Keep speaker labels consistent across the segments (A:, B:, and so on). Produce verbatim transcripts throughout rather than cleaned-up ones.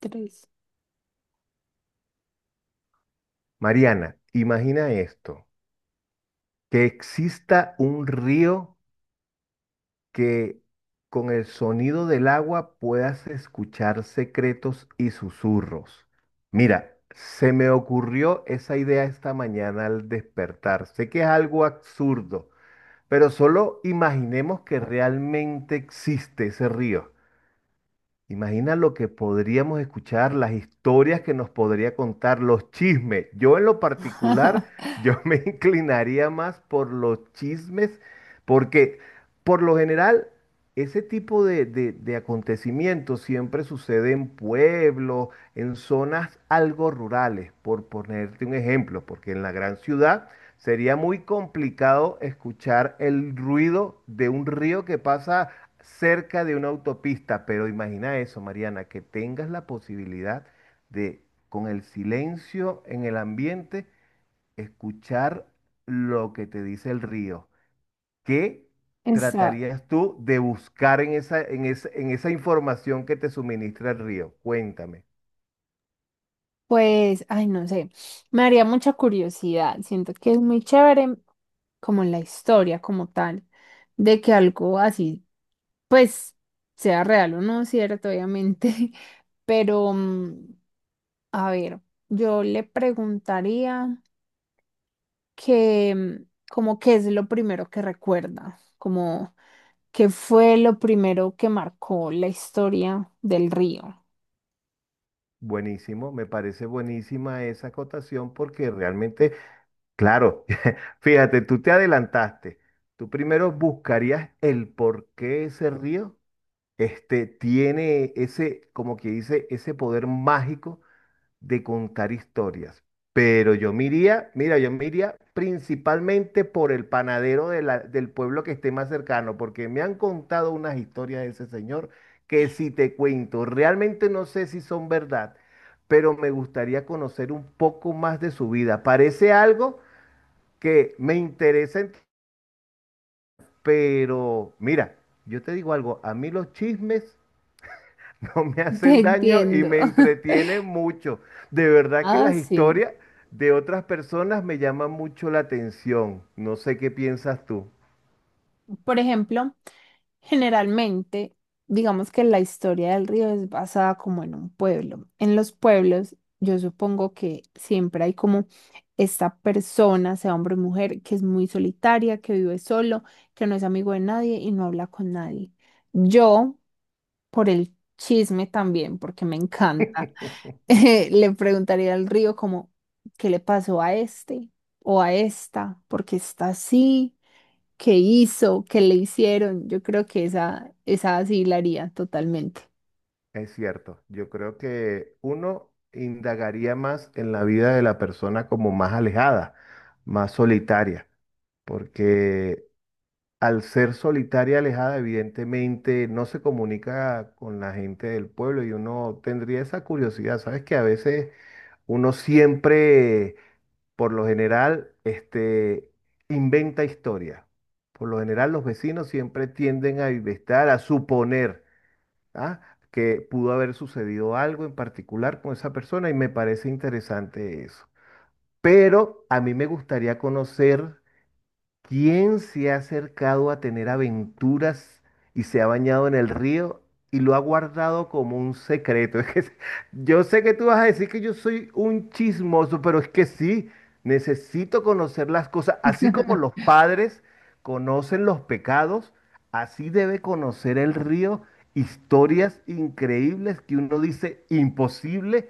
A: Tres.
B: Mariana, imagina esto, que exista un río que con el sonido del agua puedas escuchar secretos y susurros. Mira, se me ocurrió esa idea esta mañana al despertar. Sé que es algo absurdo, pero solo imaginemos que realmente existe ese río. Imagina lo que podríamos escuchar, las historias que nos podría contar, los chismes. Yo en lo particular, yo me inclinaría más por los chismes, porque por lo general ese tipo de, de- de acontecimientos siempre sucede en pueblos, en zonas algo rurales, por ponerte un ejemplo, porque en la gran ciudad sería muy complicado escuchar el ruido de un río que pasa cerca de una autopista, pero imagina eso, Mariana, que tengas la posibilidad de, con el silencio en el ambiente, escuchar lo que te dice el río. ¿Qué
A: Esa,
B: tratarías tú de buscar en esa, en esa, en esa información que te suministra el río? Cuéntame.
A: pues, ay, no sé. Me haría mucha curiosidad. Siento que es muy chévere como la historia como tal, de que algo así, pues, sea real o no, cierto, obviamente. Pero, mm, a ver, yo le preguntaría que, mm, como qué es lo primero que recuerda, como qué fue lo primero que marcó la historia del río.
B: Buenísimo, me parece buenísima esa acotación porque realmente, claro, fíjate, tú te adelantaste. Tú primero buscarías el por qué ese río este, tiene ese, como que dice, ese poder mágico de contar historias. Pero yo me iría, mira, yo me iría principalmente por el panadero de la- del pueblo que esté más cercano, porque me han contado unas historias de ese señor que si te cuento, realmente no sé si son verdad, pero me gustaría conocer un poco más de su vida. Parece algo que me interesa, ent- pero mira, yo te digo algo, a mí los chismes no me
A: Te
B: hacen daño y
A: entiendo.
B: me entretienen mucho. De verdad que
A: Ah,
B: las
A: sí.
B: historias de otras personas me llaman mucho la atención. No sé qué piensas tú.
A: Por ejemplo, generalmente, digamos que la historia del río es basada como en un pueblo. En los pueblos, yo supongo que siempre hay como esta persona, sea hombre o mujer, que es muy solitaria, que vive solo, que no es amigo de nadie y no habla con nadie. Yo por el chisme también, porque me encanta. Eh, le preguntaría al río como, ¿qué le pasó a este o a esta? Porque está así, ¿qué hizo? ¿Qué le hicieron? Yo creo que esa, esa sí la haría totalmente.
B: Es cierto, yo creo que uno indagaría más en la vida de la persona como más alejada, más solitaria, porque al ser solitaria, alejada, evidentemente no se comunica con la gente del pueblo y uno tendría esa curiosidad, ¿sabes? Que a veces uno siempre por lo general, este, inventa historia. Por lo general, los vecinos siempre tienden a inventar, a suponer, ¿ah? Que pudo haber sucedido algo en particular con esa persona y me parece interesante eso. Pero a mí me gustaría conocer, ¿quién se ha acercado a tener aventuras y se ha bañado en el río y lo ha guardado como un secreto? Es que yo sé que tú vas a decir que yo soy un chismoso, pero es que sí, necesito conocer las cosas. Así como los padres conocen los pecados, así debe conocer el río historias increíbles que uno dice imposible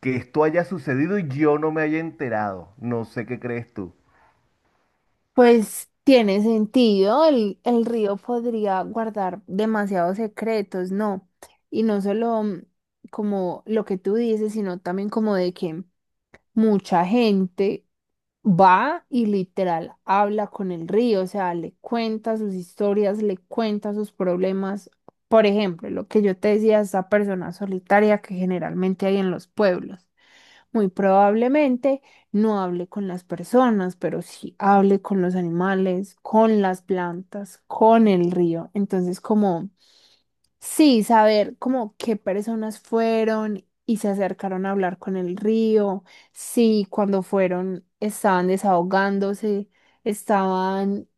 B: que esto haya sucedido y yo no me haya enterado. No sé qué crees tú.
A: Pues tiene sentido, el, el río podría guardar demasiados secretos, ¿no? Y no solo mm, como lo que tú dices, sino también como de que mucha gente va y literal habla con el río, o sea, le cuenta sus historias, le cuenta sus problemas. Por ejemplo, lo que yo te decía, esa persona solitaria que generalmente hay en los pueblos. Muy probablemente no hable con las personas, pero sí hable con los animales, con las plantas, con el río. Entonces, como sí, saber como qué personas fueron y se acercaron a hablar con el río, si cuando fueron estaban desahogándose, estaban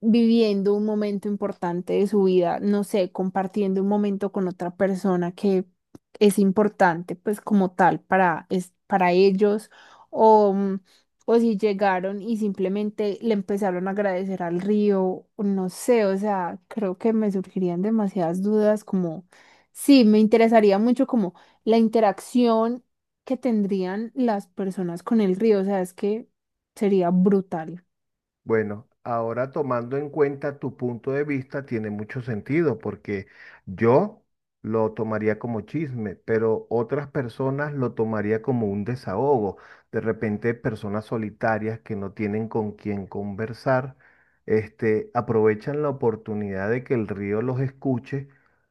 A: viviendo un momento importante de su vida, no sé, compartiendo un momento con otra persona que es importante, pues como tal, para, es, para ellos, o, mm, o si llegaron y simplemente le empezaron a agradecer al río, o no sé, o sea, creo que me surgirían demasiadas dudas, como, sí, me interesaría mucho como la interacción que tendrían las personas con el río, o sea, es que sería brutal.
B: Bueno, ahora tomando en cuenta tu punto de vista, tiene mucho sentido porque yo lo tomaría como chisme, pero otras personas lo tomaría como un desahogo. De repente, personas solitarias que no tienen con quién conversar, este, aprovechan la oportunidad de que el río los escuche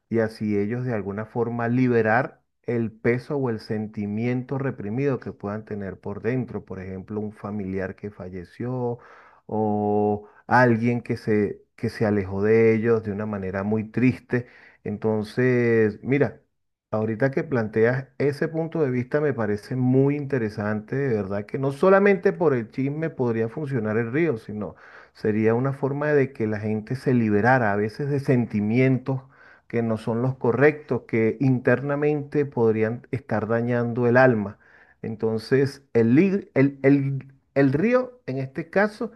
B: y así ellos de alguna forma liberar el peso o el sentimiento reprimido que puedan tener por dentro. Por ejemplo, un familiar que falleció o alguien que se, que se alejó de ellos de una manera muy triste. Entonces, mira, ahorita que planteas ese punto de vista me parece muy interesante, de verdad que no solamente por el chisme podría funcionar el río, sino sería una forma de que la gente se liberara a veces de sentimientos que no son los correctos, que internamente podrían estar dañando el alma. Entonces, el, li- el, el- el río, en este caso,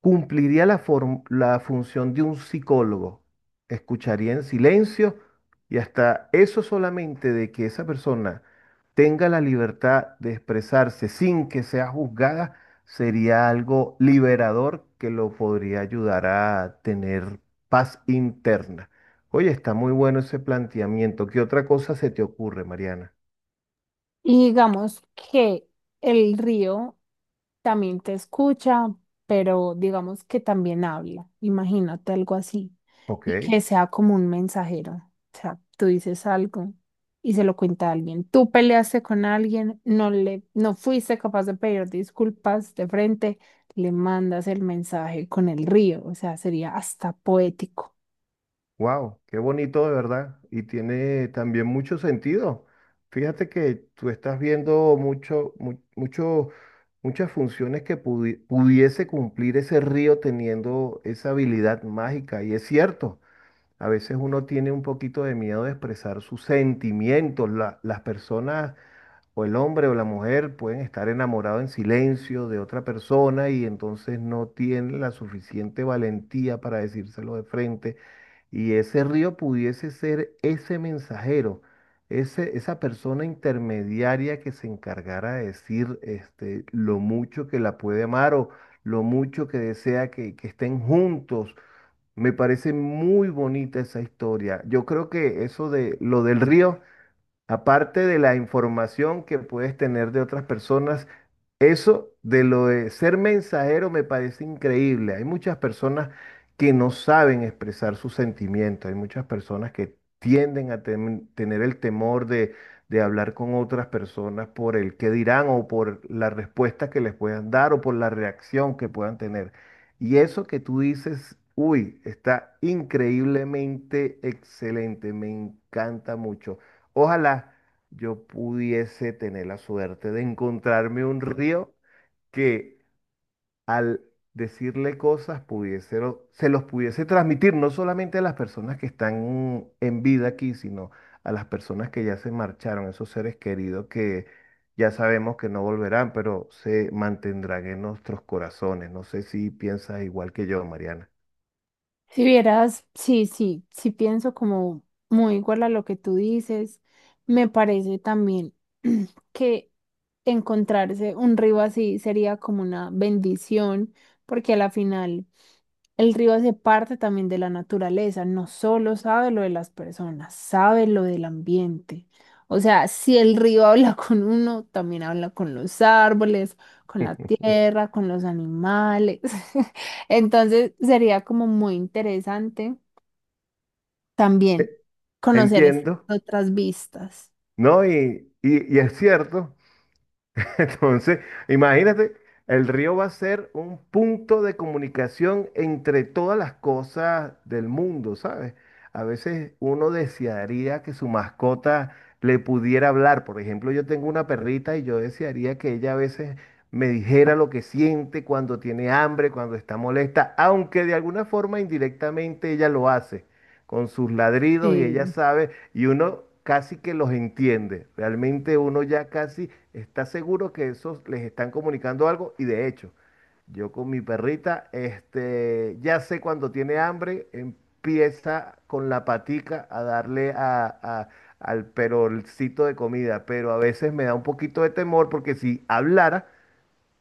B: cumpliría la, form- la función de un psicólogo. Escucharía en silencio y hasta eso solamente de que esa persona tenga la libertad de expresarse sin que sea juzgada sería algo liberador que lo podría ayudar a tener paz interna. Oye, está muy bueno ese planteamiento. ¿Qué otra cosa se te ocurre, Mariana?
A: Y digamos que el río también te escucha, pero digamos que también habla. Imagínate algo así. Y
B: Ok.
A: que sea como un mensajero. O sea, tú dices algo y se lo cuenta a alguien. Tú peleaste con alguien, no le, no fuiste capaz de pedir disculpas de frente, le mandas el mensaje con el río. O sea, sería hasta poético.
B: Wow, qué bonito de verdad. Y tiene también mucho sentido. Fíjate que tú estás viendo mucho, mu- mucho, muchas funciones que pudi- pudiese cumplir ese río teniendo esa habilidad mágica. Y es cierto, a veces uno tiene un poquito de miedo de expresar sus sentimientos. La- las personas, o el hombre o la mujer, pueden estar enamorados en silencio de otra persona y entonces no tienen la suficiente valentía para decírselo de frente y ese río pudiese ser ese mensajero, ese, esa persona intermediaria que se encargara de decir este, lo mucho que la puede amar o lo mucho que desea que, que estén juntos. Me parece muy bonita esa historia. Yo creo que eso de lo del río, aparte de la información que puedes tener de otras personas, eso de lo de ser mensajero me parece increíble. Hay muchas personas que no saben expresar sus sentimientos, hay muchas personas que tienden a tem- tener el temor de, de hablar con otras personas por el qué dirán o por la respuesta que les puedan dar o por la reacción que puedan tener. Y eso que tú dices, uy, está increíblemente excelente, me encanta mucho. Ojalá yo pudiese tener la suerte de encontrarme un río que al decirle cosas pudiese, lo- se los pudiese transmitir no solamente a las personas que están en vida aquí, sino a las personas que ya se marcharon, esos seres queridos que ya sabemos que no volverán, pero se mantendrán en nuestros corazones. No sé si piensas igual que yo, Mariana.
A: Si vieras, sí, sí, sí pienso como muy igual a lo que tú dices. Me parece también que encontrarse un río así sería como una bendición, porque a la final el río hace parte también de la naturaleza, no solo sabe lo de las personas, sabe lo del ambiente. O sea, si el río habla con uno, también habla con los árboles, con la tierra, con los animales. Entonces sería como muy interesante también conocer esas
B: Entiendo,
A: otras vistas.
B: ¿no? Y, y, y es cierto. Entonces, imagínate, el río va a ser un punto de comunicación entre todas las cosas del mundo, ¿sabes? A veces uno desearía que su mascota le pudiera hablar. Por ejemplo, yo tengo una perrita y yo desearía que ella a veces me dijera lo que siente cuando tiene hambre, cuando está molesta, aunque de alguna forma indirectamente ella lo hace con sus ladridos y ella
A: Eh,
B: sabe y uno casi que los entiende. Realmente uno ya casi está seguro que esos les están comunicando algo y de hecho, yo con mi perrita, este, ya sé cuando tiene hambre, empieza con la patica a darle a, a- al perolcito de comida, pero a veces me da un poquito de temor porque si hablara,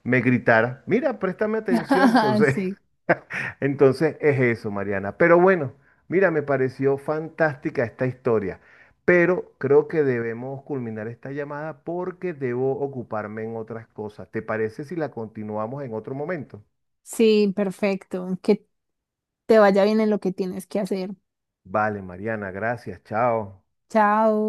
B: me gritara, mira, préstame atención, entonces
A: Sí,
B: entonces es eso, Mariana. Pero bueno, mira, me pareció fantástica esta historia, pero creo que debemos culminar esta llamada porque debo ocuparme en otras cosas. ¿Te parece si la continuamos en otro momento?
A: sí, perfecto. Que te vaya bien en lo que tienes que hacer.
B: Vale, Mariana, gracias, chao.
A: Chao.